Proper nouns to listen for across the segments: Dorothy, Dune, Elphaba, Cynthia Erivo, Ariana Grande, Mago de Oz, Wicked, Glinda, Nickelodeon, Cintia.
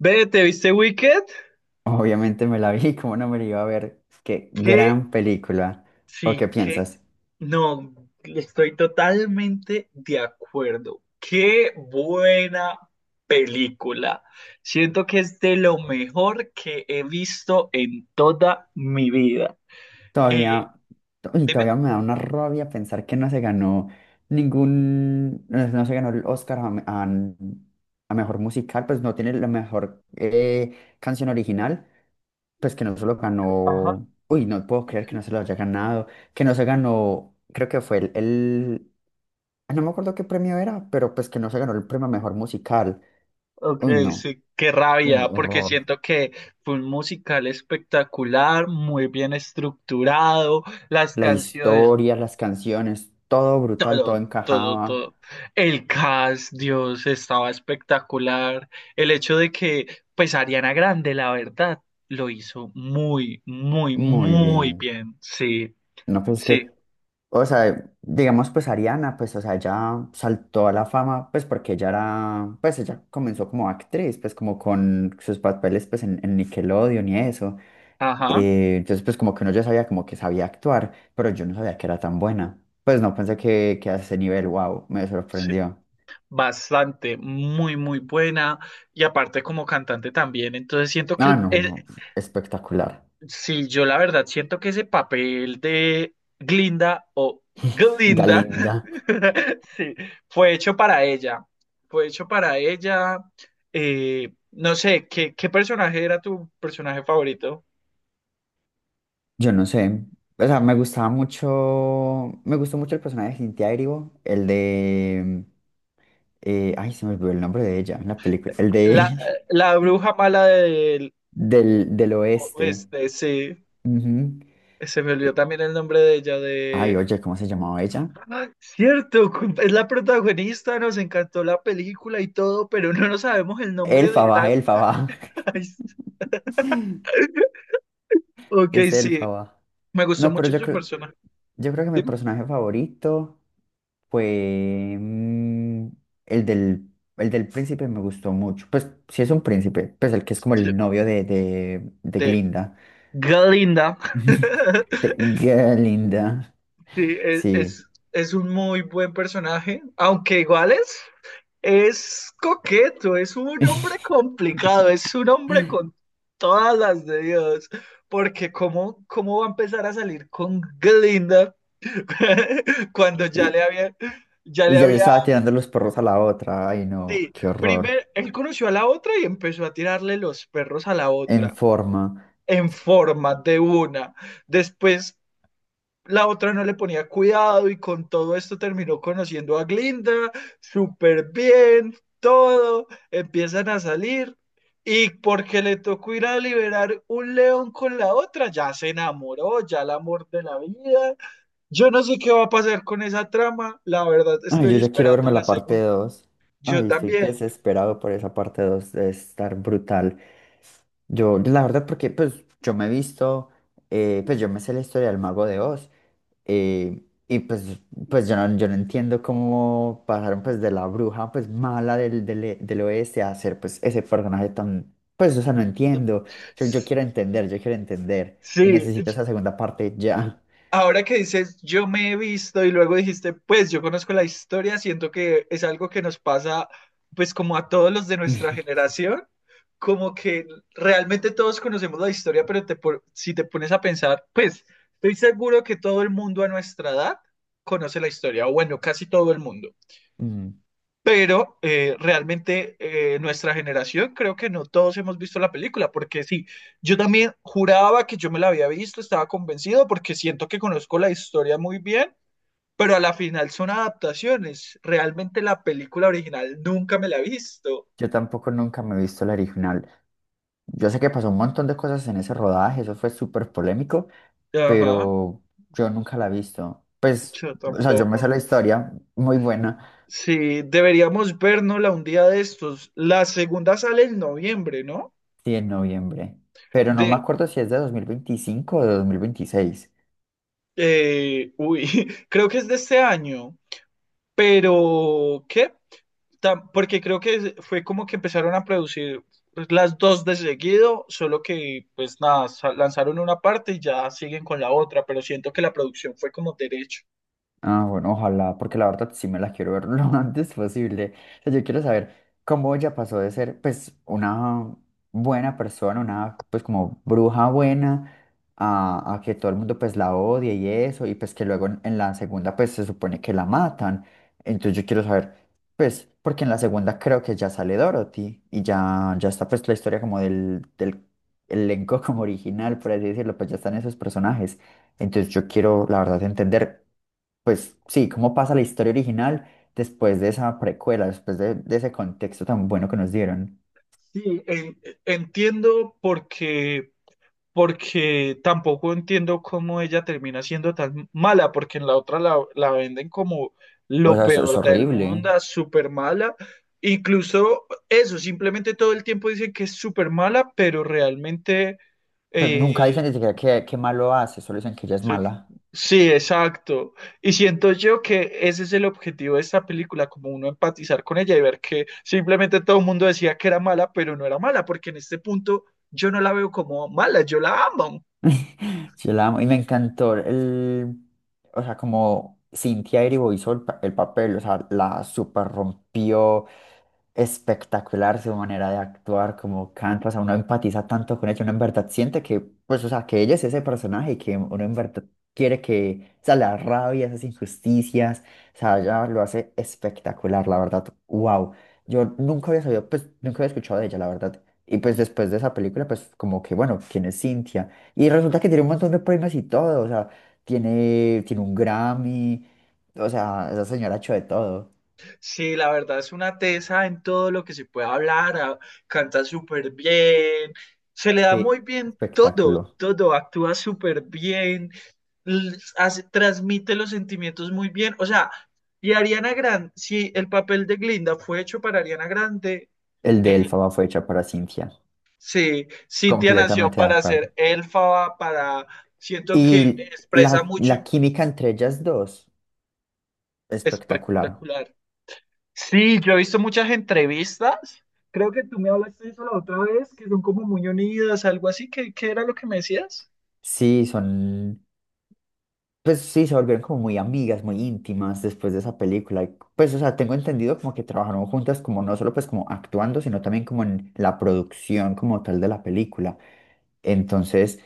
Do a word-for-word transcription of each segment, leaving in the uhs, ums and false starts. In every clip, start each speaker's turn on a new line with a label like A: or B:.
A: Ve, ¿te viste Wicked?
B: Obviamente me la vi, ¿cómo no me la iba a ver? Qué
A: Que
B: gran película. ¿O
A: sí,
B: qué
A: que
B: piensas?
A: no, estoy totalmente de acuerdo. Qué buena película. Siento que es de lo mejor que he visto en toda mi vida. Eh,
B: Todavía, to- y
A: dime.
B: todavía me da una rabia pensar que no se ganó ningún, no, no se ganó el Oscar a, me- a- a mejor musical, pues no tiene la mejor eh, canción original, pues que no se lo
A: Ajá.
B: ganó. Uy, no puedo creer que no se lo haya ganado, que no se ganó. Creo que fue el, el- ah, no me acuerdo qué premio era, pero pues que no se ganó el premio a mejor musical.
A: Ok,
B: Uy, no,
A: sí, qué
B: un
A: rabia, porque
B: horror.
A: siento que fue un musical espectacular, muy bien estructurado, las
B: La
A: canciones
B: historia, las canciones, todo brutal, todo
A: todo, todo,
B: encajaba
A: todo. El cast, Dios, estaba espectacular. El hecho de que, pues Ariana Grande, la verdad, lo hizo muy, muy,
B: muy
A: muy
B: bien.
A: bien. Sí,
B: No, pues es que,
A: sí,
B: o sea, digamos, pues Ariana, pues, o sea, ella saltó a la fama, pues porque ella era, pues ella comenzó como actriz, pues como con sus papeles, pues en, en Nickelodeon y eso.
A: ajá,
B: Eh, entonces, pues como que uno ya sabía como que sabía actuar, pero yo no sabía que era tan buena. Pues no pensé que, que a ese nivel, wow, me
A: sí.
B: sorprendió.
A: Bastante, muy, muy buena. Y aparte como cantante también. Entonces siento
B: Ah,
A: que el,
B: no, espectacular.
A: sí, yo la verdad siento que ese papel de Glinda o Glinda,
B: Galinda.
A: sí, fue hecho para ella. Fue hecho para ella. Eh, no sé, ¿qué, qué personaje era tu personaje favorito?
B: Yo no sé. O sea, me gustaba mucho. Me gustó mucho el personaje de Cynthia Erivo, el de. Eh, ay, se me olvidó el nombre de ella en la película. El
A: La,
B: de.
A: la bruja mala del
B: Del, del oeste.
A: oeste, sí.
B: Ujú.
A: Se me olvidó
B: Eh,
A: también el nombre de ella,
B: Ay,
A: de...
B: oye, ¿cómo se llamaba ella?
A: ¡Ah! Cierto, cum- es la protagonista, nos encantó la película y todo, pero no nos sabemos el nombre de
B: Elfaba,
A: la...
B: Elfaba.
A: Ay, ok,
B: Es
A: sí,
B: Elfaba.
A: me gustó
B: No, pero
A: mucho
B: yo
A: su
B: creo,
A: personaje.
B: yo creo que mi
A: Dime.
B: personaje favorito fue. mm, el del. El del príncipe me gustó mucho. Pues sí es un príncipe. Pues el que es como
A: Sí,
B: el novio de, de, de
A: de
B: Glinda.
A: Galinda.
B: Te- Qué linda.
A: Sí, es,
B: Sí.
A: es, es un muy buen personaje, aunque igual es, es coqueto, es un hombre complicado, es un hombre con todas las de Dios. Porque cómo, cómo va a empezar a salir con Glinda cuando ya
B: Y,
A: le había, ya
B: y
A: le
B: ya le
A: había,
B: estaba tirando los perros a la otra. Ay, no,
A: sí,
B: qué horror.
A: primero, él conoció a la otra y empezó a tirarle los perros a la
B: En
A: otra.
B: forma.
A: En forma de una. Después la otra no le ponía cuidado y con todo esto terminó conociendo a Glinda, súper bien, todo, empiezan a salir y porque le tocó ir a liberar un león con la otra, ya se enamoró, ya el amor de la vida. Yo no sé qué va a pasar con esa trama, la verdad
B: Ay,
A: estoy
B: yo ya quiero
A: esperando
B: verme
A: la
B: la parte
A: segunda.
B: dos.
A: Yo
B: Ay, estoy
A: también.
B: desesperado por esa parte dos de estar brutal. Yo, la verdad, porque pues yo me he visto, eh, pues yo me sé la historia del Mago de Oz. Eh, y pues, pues yo no, yo no entiendo cómo pasaron pues de la bruja pues mala del, del, e, del oeste a ser pues ese personaje tan, pues o sea, no entiendo. Yo, yo quiero entender, yo quiero entender. Y
A: Sí,
B: necesito esa segunda parte ya.
A: ahora que dices, yo me he visto y luego dijiste, pues yo conozco la historia, siento que es algo que nos pasa, pues como a todos los de nuestra generación, como que realmente todos conocemos la historia, pero te pon- si te pones a pensar, pues estoy seguro que todo el mundo a nuestra edad conoce la historia, o bueno, casi todo el mundo.
B: Mm.
A: Pero eh, realmente eh, nuestra generación creo que no todos hemos visto la película, porque sí, yo también juraba que yo me la había visto, estaba convencido porque siento que conozco la historia muy bien, pero a la final son adaptaciones. Realmente la película original nunca me la he visto.
B: Yo tampoco nunca me he visto la original. Yo sé que pasó un montón de cosas en ese rodaje, eso fue súper polémico,
A: Ajá,
B: pero yo nunca la he visto. Pues,
A: yo
B: o sea, yo me sé
A: tampoco.
B: la historia, muy buena.
A: Sí, deberíamos vernosla un día de estos. La segunda sale en noviembre, ¿no?
B: Sí, en noviembre. Pero no me
A: De,
B: acuerdo si es de dos mil veinticinco o de dos mil veintiséis.
A: eh, uy, creo que es de este año. Pero, ¿qué? Tam- Porque creo que fue como que empezaron a producir pues, las dos de seguido, solo que pues nada, sa- lanzaron una parte y ya siguen con la otra, pero siento que la producción fue como derecho.
B: Ah, bueno, ojalá, porque la verdad sí me la quiero ver lo antes posible. O sea, yo quiero saber cómo ella pasó de ser, pues, una buena persona, una, pues, como bruja buena, a, a que todo el mundo pues la odie y eso, y pues que luego en, en la segunda pues se supone que la matan. Entonces yo quiero saber, pues, porque en la segunda creo que ya sale Dorothy y ya, ya está pues la historia como del, del elenco como original, por así decirlo, pues ya están esos personajes. Entonces yo quiero, la verdad, entender, pues sí, cómo pasa la historia original después de esa precuela, después de, de ese contexto tan bueno que nos dieron.
A: Sí, En- entiendo porque porque tampoco entiendo cómo ella termina siendo tan mala, porque en la otra la, la venden como
B: O
A: lo
B: sea, es es
A: peor del
B: horrible.
A: mundo, súper mala. Incluso eso, simplemente todo el tiempo dicen que es súper mala, pero realmente
B: Pero nunca
A: eh,
B: dicen ni siquiera que, que malo hace, solo dicen que ella es mala.
A: sí, exacto. Y siento yo que ese es el objetivo de esta película, como uno empatizar con ella y ver que simplemente todo el mundo decía que era mala, pero no era mala, porque en este punto yo no la veo como mala, yo la amo.
B: Yo la amo y me encantó el, o sea, como Cynthia Erivo hizo el, pa- el papel, o sea, la super rompió, espectacular su manera de actuar, como canta, o sea, uno empatiza tanto con ella, uno en verdad siente que, pues, o sea, que ella es ese personaje y que uno en verdad quiere que, o sea, la rabia, esas injusticias, o sea, ella lo hace espectacular, la verdad, wow. Yo nunca había sabido, pues, nunca había escuchado de ella, la verdad. Y pues después de esa película, pues como que, bueno, ¿quién es Cintia? Y resulta que tiene un montón de premios y todo, o sea, tiene, tiene un Grammy, o sea, esa señora ha hecho de todo.
A: Sí, la verdad es una tesa en todo lo que se puede hablar, a- canta súper bien, se le da muy
B: Qué
A: bien todo,
B: espectáculo.
A: todo, actúa súper bien, l- hace- transmite los sentimientos muy bien, o sea, y Ariana Grande, si el papel de Glinda fue hecho para Ariana Grande,
B: El de
A: eh,
B: Elfaba fue hecha para Cintia.
A: sí, Cintia nació
B: Completamente de
A: para
B: acuerdo.
A: ser Elfaba, para, siento que
B: Y
A: expresa
B: la,
A: mucho,
B: la química entre ellas dos, espectacular.
A: espectacular. Sí, yo he visto muchas entrevistas. Creo que tú me hablaste de eso la otra vez, que son como muy unidas, algo así. ¿Qué, qué era lo que me decías?
B: Sí, son, pues sí, se volvieron como muy amigas, muy íntimas después de esa película. Y, pues, o sea, tengo entendido como que trabajaron juntas como no solo pues como actuando, sino también como en la producción como tal de la película. Entonces,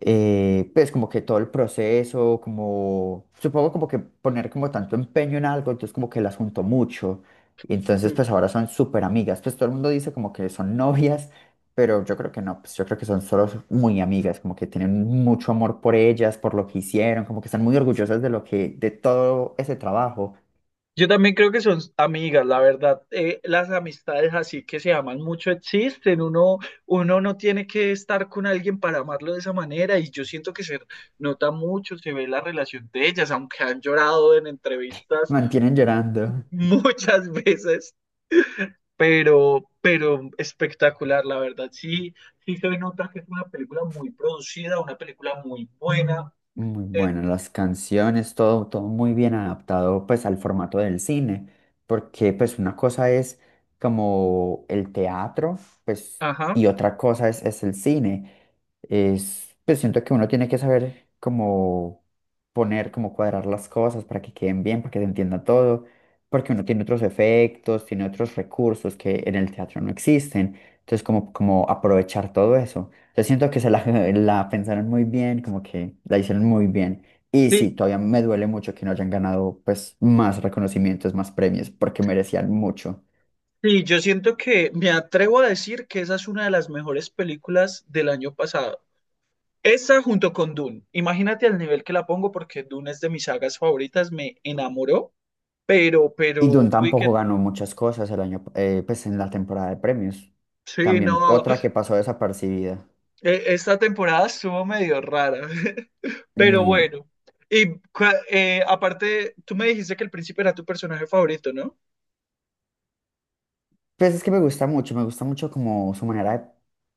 B: eh, pues como que todo el proceso, como, supongo como que poner como tanto empeño en algo, entonces como que las juntó mucho. Y entonces
A: Sí.
B: pues ahora son súper amigas, pues todo el mundo dice como que son novias, pero yo creo que no, pues yo creo que son solo muy amigas, como que tienen mucho amor por ellas, por lo que hicieron, como que están muy orgullosas de lo que, de todo ese trabajo,
A: Yo también creo que son amigas, la verdad. Eh, las amistades así que se aman mucho existen. Uno, uno no tiene que estar con alguien para amarlo de esa manera. Y yo siento que se nota mucho, se ve la relación de ellas, aunque han llorado en entrevistas
B: mantienen llorando.
A: muchas veces. pero, pero espectacular, la verdad. Sí, sí se nota que es una película muy producida, una película muy buena.
B: Muy
A: Eh,
B: bueno, las canciones, todo, todo muy bien adaptado pues al formato del cine, porque pues una cosa es como el teatro, pues, y
A: ajá.
B: otra cosa es, es el cine. Es, pues siento que uno tiene que saber cómo poner, cómo cuadrar las cosas para que queden bien, para que se entienda todo, porque uno tiene otros efectos, tiene otros recursos que en el teatro no existen. Entonces, como, como aprovechar todo eso. Yo siento que se la, la pensaron muy bien, como que la hicieron muy bien. Y
A: Sí,
B: sí, todavía me duele mucho que no hayan ganado pues más reconocimientos, más premios, porque merecían mucho.
A: sí, yo siento que me atrevo a decir que esa es una de las mejores películas del año pasado. Esa junto con Dune. Imagínate al nivel que la pongo porque Dune es de mis sagas favoritas, me enamoró, pero,
B: Y
A: pero,
B: Dune
A: Wicked,
B: tampoco ganó muchas cosas el año, eh, pues en la temporada de premios.
A: sí,
B: También
A: no.
B: otra que pasó desapercibida.
A: E- Esta temporada estuvo medio rara, pero
B: Mm.
A: bueno. Y cua- eh, aparte, tú me dijiste que el príncipe era tu personaje favorito, ¿no?
B: Pues es que me gusta mucho, me gusta mucho como su manera de,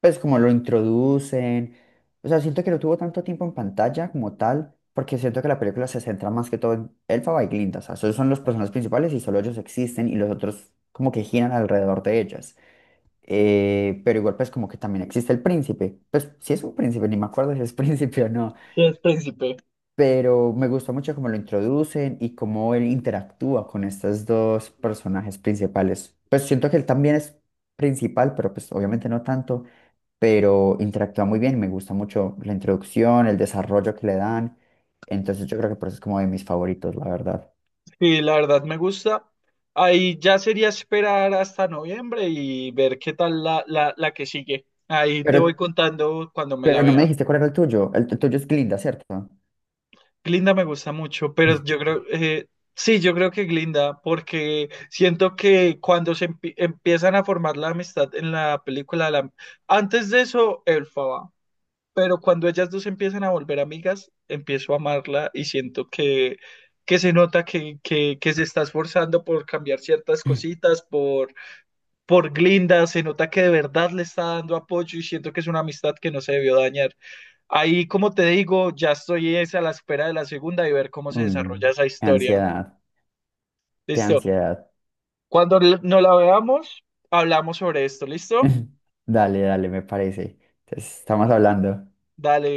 B: pues como lo introducen. O sea, siento que no tuvo tanto tiempo en pantalla como tal, porque siento que la película se centra más que todo en Elphaba y Glinda. O sea, esos son los personajes principales y solo ellos existen y los otros como que giran alrededor de ellas. Eh, pero igual pues como que también existe el príncipe. Pues si es un príncipe, ni me acuerdo si es príncipe o no,
A: Sí, el príncipe.
B: pero me gusta mucho cómo lo introducen y cómo él interactúa con estos dos personajes principales. Pues siento que él también es principal, pero pues obviamente no tanto, pero interactúa muy bien, me gusta mucho la introducción, el desarrollo que le dan, entonces yo creo que por eso es como de mis favoritos, la verdad.
A: Sí, la verdad me gusta. Ahí ya sería esperar hasta noviembre y ver qué tal la, la, la que sigue. Ahí te voy
B: Pero,
A: contando cuando me la
B: pero no me
A: vea.
B: dijiste cuál era el tuyo, el, el tuyo es Glinda, ¿cierto?
A: Glinda me gusta mucho, pero yo creo, eh, sí, yo creo que Glinda, porque siento que cuando se empie- empiezan a formar la amistad en la película, la- antes de eso, Elphaba, pero cuando ellas dos empiezan a volver amigas, empiezo a amarla y siento que, que se nota que, que, que se está esforzando por cambiar ciertas cositas, por, por Glinda, se nota que de verdad le está dando apoyo y siento que es una amistad que no se debió dañar. Ahí, como te digo, ya estoy es a la espera de la segunda y ver cómo se desarrolla
B: Uy,
A: esa
B: qué
A: historia.
B: ansiedad, qué
A: Listo.
B: ansiedad.
A: Cuando l- nos la veamos, hablamos sobre esto. ¿Listo?
B: Dale, dale, me parece. Entonces, estamos hablando.
A: Dale.